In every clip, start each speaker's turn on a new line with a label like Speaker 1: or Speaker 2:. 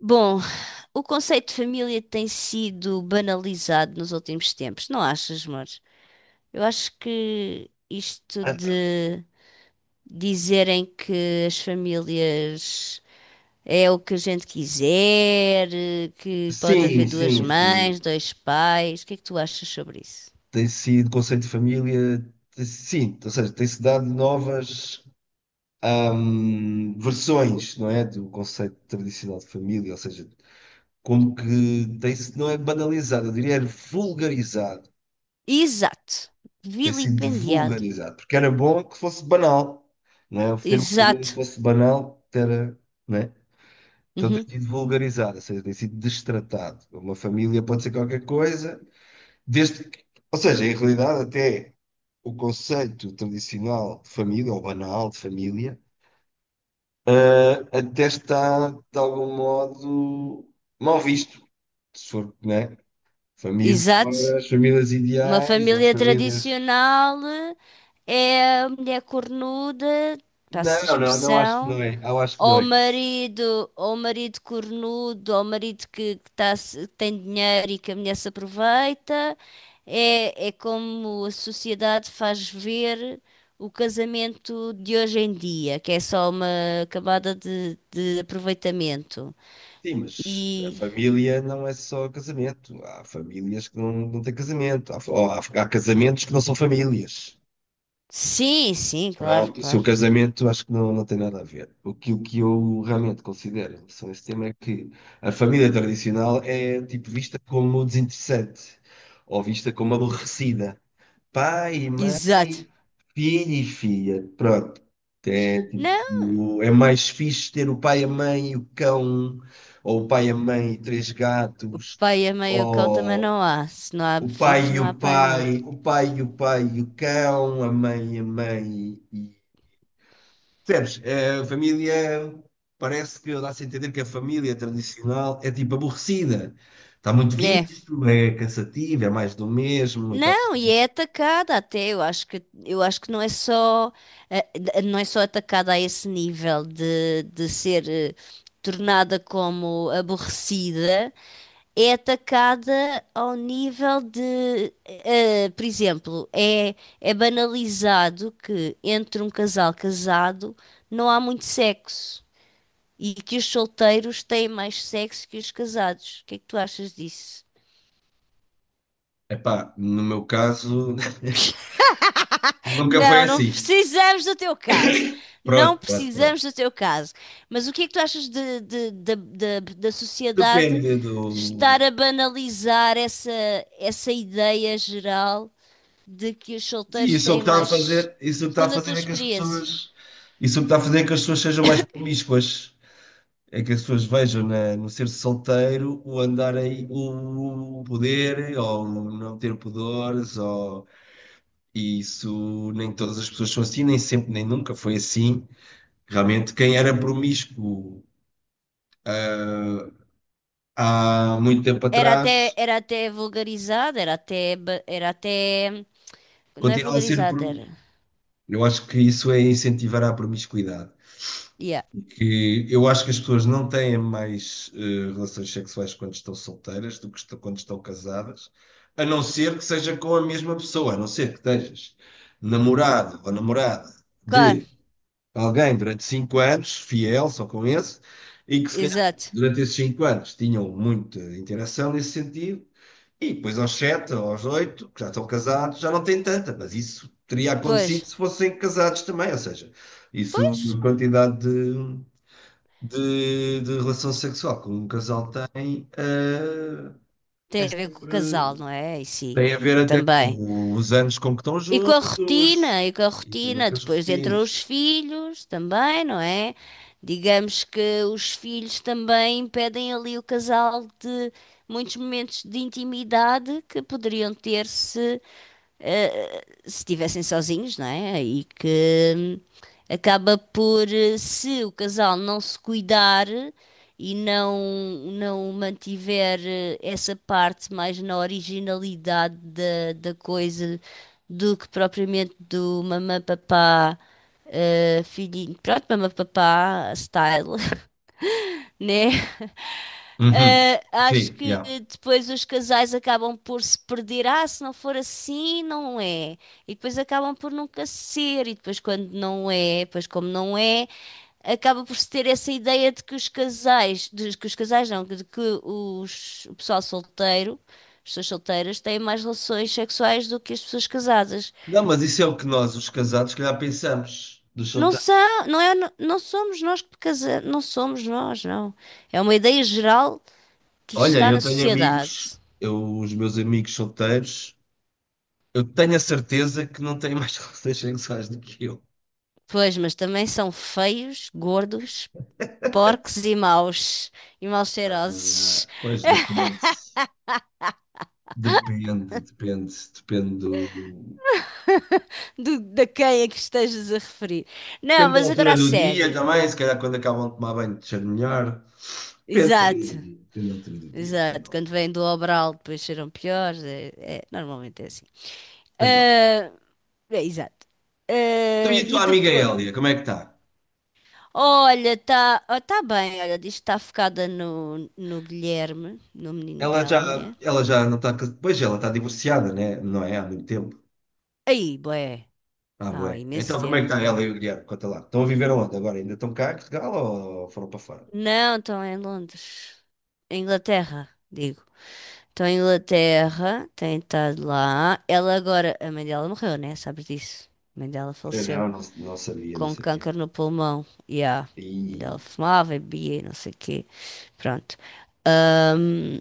Speaker 1: Bom, o conceito de família tem sido banalizado nos últimos tempos, não achas, amor? Eu acho que isto
Speaker 2: Ah,
Speaker 1: de dizerem que as famílias é o que a gente quiser, que pode haver
Speaker 2: sim,
Speaker 1: duas
Speaker 2: sim, sim.
Speaker 1: mães, dois pais, o que é que tu achas sobre isso?
Speaker 2: Tem sido conceito de família, sim, ou seja, tem-se dado novas versões, não é, do conceito tradicional de família, ou seja, como que tem-se, não é banalizado, eu diria é vulgarizado,
Speaker 1: Exato,
Speaker 2: tem sido
Speaker 1: vilipendiado.
Speaker 2: vulgarizado, porque era bom que fosse banal, não é, ter uma família
Speaker 1: Exato.
Speaker 2: fosse banal, era, não é? Então tem
Speaker 1: Uhum.
Speaker 2: sido vulgarizado, ou seja, tem sido destratado. Uma família pode ser qualquer coisa, desde, ou seja, em realidade, até o conceito tradicional de família, ou banal de família, até está, de algum modo, mal visto. Se for, né? Família,
Speaker 1: Exato.
Speaker 2: agora, as famílias
Speaker 1: Uma
Speaker 2: ideais, ou as
Speaker 1: família
Speaker 2: famílias.
Speaker 1: tradicional é a mulher cornuda, passa a
Speaker 2: Não, não, não acho que
Speaker 1: expressão,
Speaker 2: não é. Eu acho que não é.
Speaker 1: ou o marido cornudo, ou o marido que que tem dinheiro e que a mulher se aproveita. É, é como a sociedade faz ver o casamento de hoje em dia, que é só uma camada de aproveitamento.
Speaker 2: Sim, mas a
Speaker 1: E
Speaker 2: família não é só casamento. Há famílias que não têm casamento. Ou há casamentos que não são famílias.
Speaker 1: sim, sim, claro,
Speaker 2: Pronto, isso é o
Speaker 1: claro.
Speaker 2: casamento acho que não tem nada a ver. O que eu realmente considero em relação a esse tema é que a família tradicional é tipo vista como desinteressante ou vista como aborrecida. Pai,
Speaker 1: Exato.
Speaker 2: mãe, filho e filha. Pronto. É,
Speaker 1: Não.
Speaker 2: tipo, é mais fixe ter o pai, a mãe e o cão, ou o pai, a mãe e três gatos,
Speaker 1: Pai e a meio cão também não
Speaker 2: ou
Speaker 1: há. Se não há
Speaker 2: o
Speaker 1: filhos,
Speaker 2: pai e
Speaker 1: não há pai e mãe.
Speaker 2: o pai e o pai e o cão, a mãe e a mãe. Percebes? É, a família parece que dá-se a entender que a família tradicional é tipo aborrecida. Está muito
Speaker 1: É.
Speaker 2: visto, é cansativo, é mais do mesmo. Então,
Speaker 1: Não, e é atacada até. Eu acho que não é só, não é só atacada a esse nível de ser tornada como aborrecida, é atacada ao nível de, por exemplo, é, é banalizado que entre um casal casado não há muito sexo, e que os solteiros têm mais sexo que os casados. O que é que tu achas disso?
Speaker 2: epá, no meu caso, nunca foi
Speaker 1: Não, não
Speaker 2: assim.
Speaker 1: precisamos do teu caso. Não
Speaker 2: Pronto, pronto, pronto.
Speaker 1: precisamos do teu caso. Mas o que é que tu achas da sociedade
Speaker 2: Depende
Speaker 1: estar
Speaker 2: do.
Speaker 1: a banalizar essa, essa ideia geral de que os
Speaker 2: Sim,
Speaker 1: solteiros
Speaker 2: isso é o que
Speaker 1: têm
Speaker 2: está a
Speaker 1: mais.
Speaker 2: fazer, isso é o que está a
Speaker 1: Segundo a tua
Speaker 2: fazer é que as
Speaker 1: experiência,
Speaker 2: pessoas. Isso é o que está a fazer é que as pessoas sejam mais promíscuas. É que as pessoas vejam no ser solteiro o andar aí, o poder, ou não ter pudores, ou. E isso nem todas as pessoas são assim, nem sempre, nem nunca foi assim. Realmente, quem era promíscuo há muito tempo atrás
Speaker 1: era até vulgarizado, era até, era até. Não é
Speaker 2: continua a ser
Speaker 1: vulgarizado,
Speaker 2: promíscuo.
Speaker 1: era.
Speaker 2: Eu acho que isso é incentivar a promiscuidade.
Speaker 1: Yeah.
Speaker 2: Que eu acho que as pessoas não têm mais relações sexuais quando estão solteiras do que quando estão casadas, a não ser que seja com a mesma pessoa, a não ser que estejas namorado ou namorada
Speaker 1: Claro,
Speaker 2: de alguém durante 5 anos, fiel só com esse, e que se calhar
Speaker 1: exato.
Speaker 2: durante esses 5 anos tinham muita interação nesse sentido, e depois aos sete, aos oito, que já estão casados, já não tem tanta, mas isso teria
Speaker 1: Pois.
Speaker 2: acontecido se fossem casados também, ou seja, isso
Speaker 1: Pois,
Speaker 2: a quantidade de relação sexual que um casal tem,
Speaker 1: tem
Speaker 2: é
Speaker 1: a ver com o casal,
Speaker 2: sempre.
Speaker 1: não é? E sim,
Speaker 2: Tem a ver até
Speaker 1: também.
Speaker 2: com os anos com que estão
Speaker 1: E com a
Speaker 2: juntos
Speaker 1: rotina, e com a
Speaker 2: e também
Speaker 1: rotina,
Speaker 2: com as
Speaker 1: depois entram
Speaker 2: rotinas.
Speaker 1: os filhos também, não é? Digamos que os filhos também impedem ali o casal de muitos momentos de intimidade que poderiam ter se estivessem sozinhos, não é? E que acaba por, se o casal não se cuidar e não, não mantiver essa parte mais na originalidade da, da coisa do que propriamente do mamã papá. Filhinho, pronto, mamã papá style, né?
Speaker 2: Uhum.
Speaker 1: Acho
Speaker 2: Sim,
Speaker 1: que
Speaker 2: já.
Speaker 1: depois os casais acabam por se perder. Ah, se não for assim, não é. E depois acabam por nunca ser. E depois, quando não é, depois, como não é, acaba por se ter essa ideia de que os casais, de que os casais não, de que os, o pessoal solteiro, as pessoas solteiras, têm mais relações sexuais do que as pessoas casadas.
Speaker 2: Não, mas isso é o que nós, os casados, se calhar pensamos dos
Speaker 1: Não
Speaker 2: solteiros.
Speaker 1: são, não é, não somos nós que casamos, não somos nós, não. É uma ideia geral que
Speaker 2: Olha,
Speaker 1: está
Speaker 2: eu
Speaker 1: na
Speaker 2: tenho amigos,
Speaker 1: sociedade.
Speaker 2: os meus amigos solteiros, eu tenho a certeza que não têm mais relações sexuais do que eu.
Speaker 1: Pois, mas também são feios, gordos, porcos e maus. E mal
Speaker 2: Ah,
Speaker 1: cheirosos.
Speaker 2: pois depende. Depende do.
Speaker 1: Do, da quem é que estejas a referir. Não,
Speaker 2: Depende da
Speaker 1: mas agora
Speaker 2: altura
Speaker 1: a
Speaker 2: do dia
Speaker 1: sério.
Speaker 2: também, se calhar quando acabam de tomar banho deixa melhor.
Speaker 1: Exato,
Speaker 2: Depende da altura do dia,
Speaker 1: exato. Quando vêm do Obral, depois cheiram piores. É, normalmente é assim.
Speaker 2: Depende da altura.
Speaker 1: Ah, é, exato.
Speaker 2: Então e
Speaker 1: Ah,
Speaker 2: a
Speaker 1: e
Speaker 2: tua amiga
Speaker 1: depois.
Speaker 2: Hélia, como é que está?
Speaker 1: Olha, tá bem. Olha, diz que está focada no, no Guilherme, no menino
Speaker 2: Ela
Speaker 1: dela,
Speaker 2: já,
Speaker 1: né?
Speaker 2: ela já não está. Pois ela está divorciada, né? Não é? Há muito tempo.
Speaker 1: Aí, bué.
Speaker 2: Ah,
Speaker 1: Ah, há
Speaker 2: bué.
Speaker 1: imenso
Speaker 2: Então como é que está
Speaker 1: tempo.
Speaker 2: ela
Speaker 1: É.
Speaker 2: e o Guilherme? Conta lá. Estão a viver onde agora? Ainda estão cá em Portugal ou foram para fora?
Speaker 1: Não, estão em Londres. Em Inglaterra, digo. Estão em Inglaterra, tem estado lá. Ela agora, a mãe dela morreu, né? Sabes disso? A mãe dela
Speaker 2: Eu
Speaker 1: faleceu
Speaker 2: não sabia, não
Speaker 1: com
Speaker 2: sabia.
Speaker 1: câncer no pulmão. E a mãe dela
Speaker 2: E.
Speaker 1: fumava e bebia, e não sei o quê. Pronto. Ahm,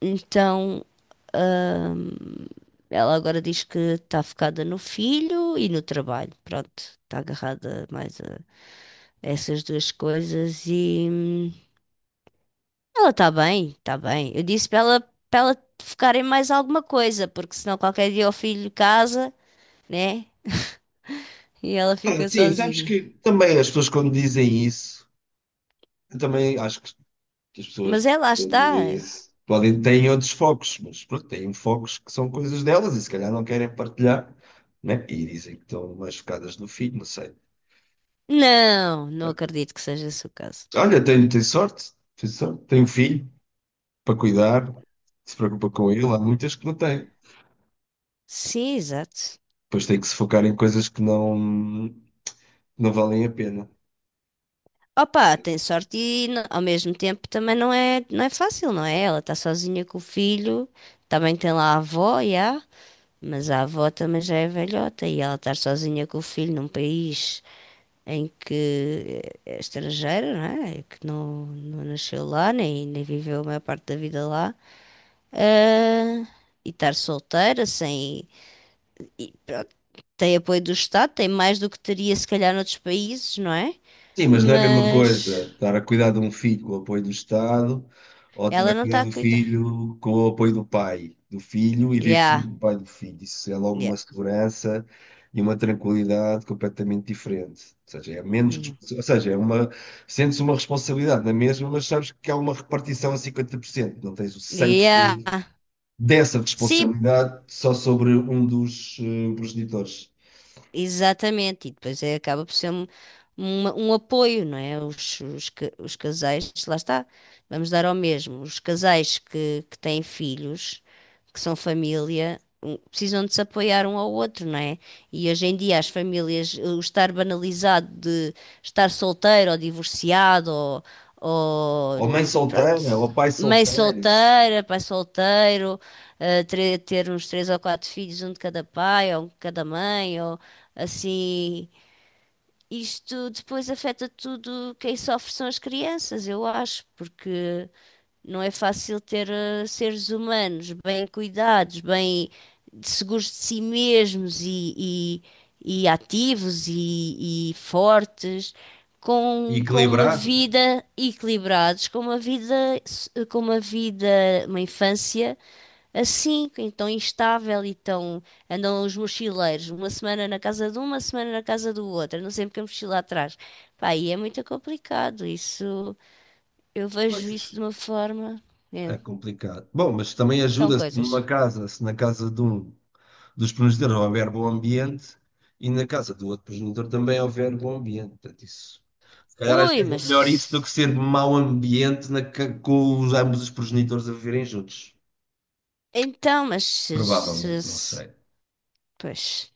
Speaker 1: então, ahm, ela agora diz que está focada no filho e no trabalho. Pronto, está agarrada mais a essas duas coisas e. Ela está bem, está bem. Eu disse para ela focar em mais alguma coisa, porque senão qualquer dia o filho casa, né? E ela
Speaker 2: Ah,
Speaker 1: fica
Speaker 2: sim, sabes
Speaker 1: sozinha.
Speaker 2: que também as pessoas quando dizem isso, eu também acho que as pessoas
Speaker 1: Mas ela
Speaker 2: quando
Speaker 1: está.
Speaker 2: dizem isso podem, têm outros focos, mas pronto, têm focos que são coisas delas e se calhar não querem partilhar, né? E dizem que estão mais focadas no filho, não sei.
Speaker 1: Não, não acredito que seja esse o caso.
Speaker 2: Olha, tenho sorte, tenho sorte. Tenho um filho para cuidar, se preocupa com ele. Há muitas que não têm.
Speaker 1: Sim, exato.
Speaker 2: Depois tem que se focar em coisas que não valem a pena.
Speaker 1: Opa, tem sorte e ao mesmo tempo também não é, não é fácil, não é? Ela está sozinha com o filho, também tem lá a avó, já, mas a avó também já é velhota e ela estar sozinha com o filho num país. Em que é estrangeira, não é? E que não, não nasceu lá, nem, nem viveu a maior parte da vida lá, ah, e estar solteira, sem. E pronto, tem apoio do Estado, tem mais do que teria se calhar noutros países, não é?
Speaker 2: Sim, mas não é a mesma
Speaker 1: Mas
Speaker 2: coisa estar a cuidar de um filho com o apoio do Estado ou estar
Speaker 1: ela
Speaker 2: a
Speaker 1: não
Speaker 2: cuidar
Speaker 1: está a
Speaker 2: do
Speaker 1: cuidar.
Speaker 2: filho com o apoio do pai do filho e viver com
Speaker 1: Yeah,
Speaker 2: o pai do filho. Isso é logo
Speaker 1: yeah,
Speaker 2: uma segurança e uma tranquilidade completamente diferente. Ou seja, é menos,
Speaker 1: hum,
Speaker 2: ou seja, é uma, sentes uma responsabilidade na mesma, mas sabes que há uma repartição a 50%. Não tens o cem por
Speaker 1: yeah.
Speaker 2: cento dessa
Speaker 1: Sim,
Speaker 2: responsabilidade só sobre um dos progenitores.
Speaker 1: exatamente, e depois é, acaba por ser um, um apoio, não é? Os, os casais, lá está, vamos dar ao mesmo. Os casais que têm filhos, que são família, precisam de se apoiar um ao outro, não é? E hoje em dia as famílias, o estar banalizado de estar solteiro ou divorciado ou
Speaker 2: Ou mãe
Speaker 1: pronto,
Speaker 2: solteira, ou pai
Speaker 1: mãe
Speaker 2: solteiro, isso.
Speaker 1: solteira, pai solteiro, ter uns três ou quatro filhos, um de cada pai ou um de cada mãe, ou assim, isto depois afeta tudo, quem sofre são as crianças, eu acho, porque não é fácil ter seres humanos bem cuidados, bem seguros de si mesmos e ativos e fortes,
Speaker 2: E
Speaker 1: com uma
Speaker 2: equilibrado.
Speaker 1: vida equilibrados, com uma vida, com uma vida, uma infância assim, então instável e tão. Andam os mochileiros, uma semana na casa de um, uma semana na casa do outro, andam sempre com a mochila atrás. Pá, e é muito complicado. Isso, eu vejo isso
Speaker 2: Pois.
Speaker 1: de uma forma. É,
Speaker 2: É complicado. Bom, mas também
Speaker 1: são
Speaker 2: ajuda-se numa
Speaker 1: coisas.
Speaker 2: casa, se na casa de um dos progenitores houver bom ambiente e na casa do outro progenitor também houver bom ambiente. Portanto, isso. Se calhar às
Speaker 1: Ui,
Speaker 2: vezes é
Speaker 1: mas.
Speaker 2: melhor isso do que ser mau ambiente com ambos os progenitores a viverem juntos.
Speaker 1: Então, mas.
Speaker 2: Provavelmente, não sei.
Speaker 1: Pois,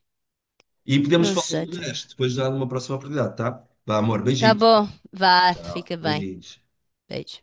Speaker 2: E podemos
Speaker 1: não
Speaker 2: falar
Speaker 1: sei
Speaker 2: do
Speaker 1: também.
Speaker 2: resto, depois dá uma próxima oportunidade, tá? Vá, amor,
Speaker 1: Tá
Speaker 2: beijinho.
Speaker 1: bom, vá,
Speaker 2: Tchau,
Speaker 1: fica bem.
Speaker 2: beijinhos.
Speaker 1: Beijo.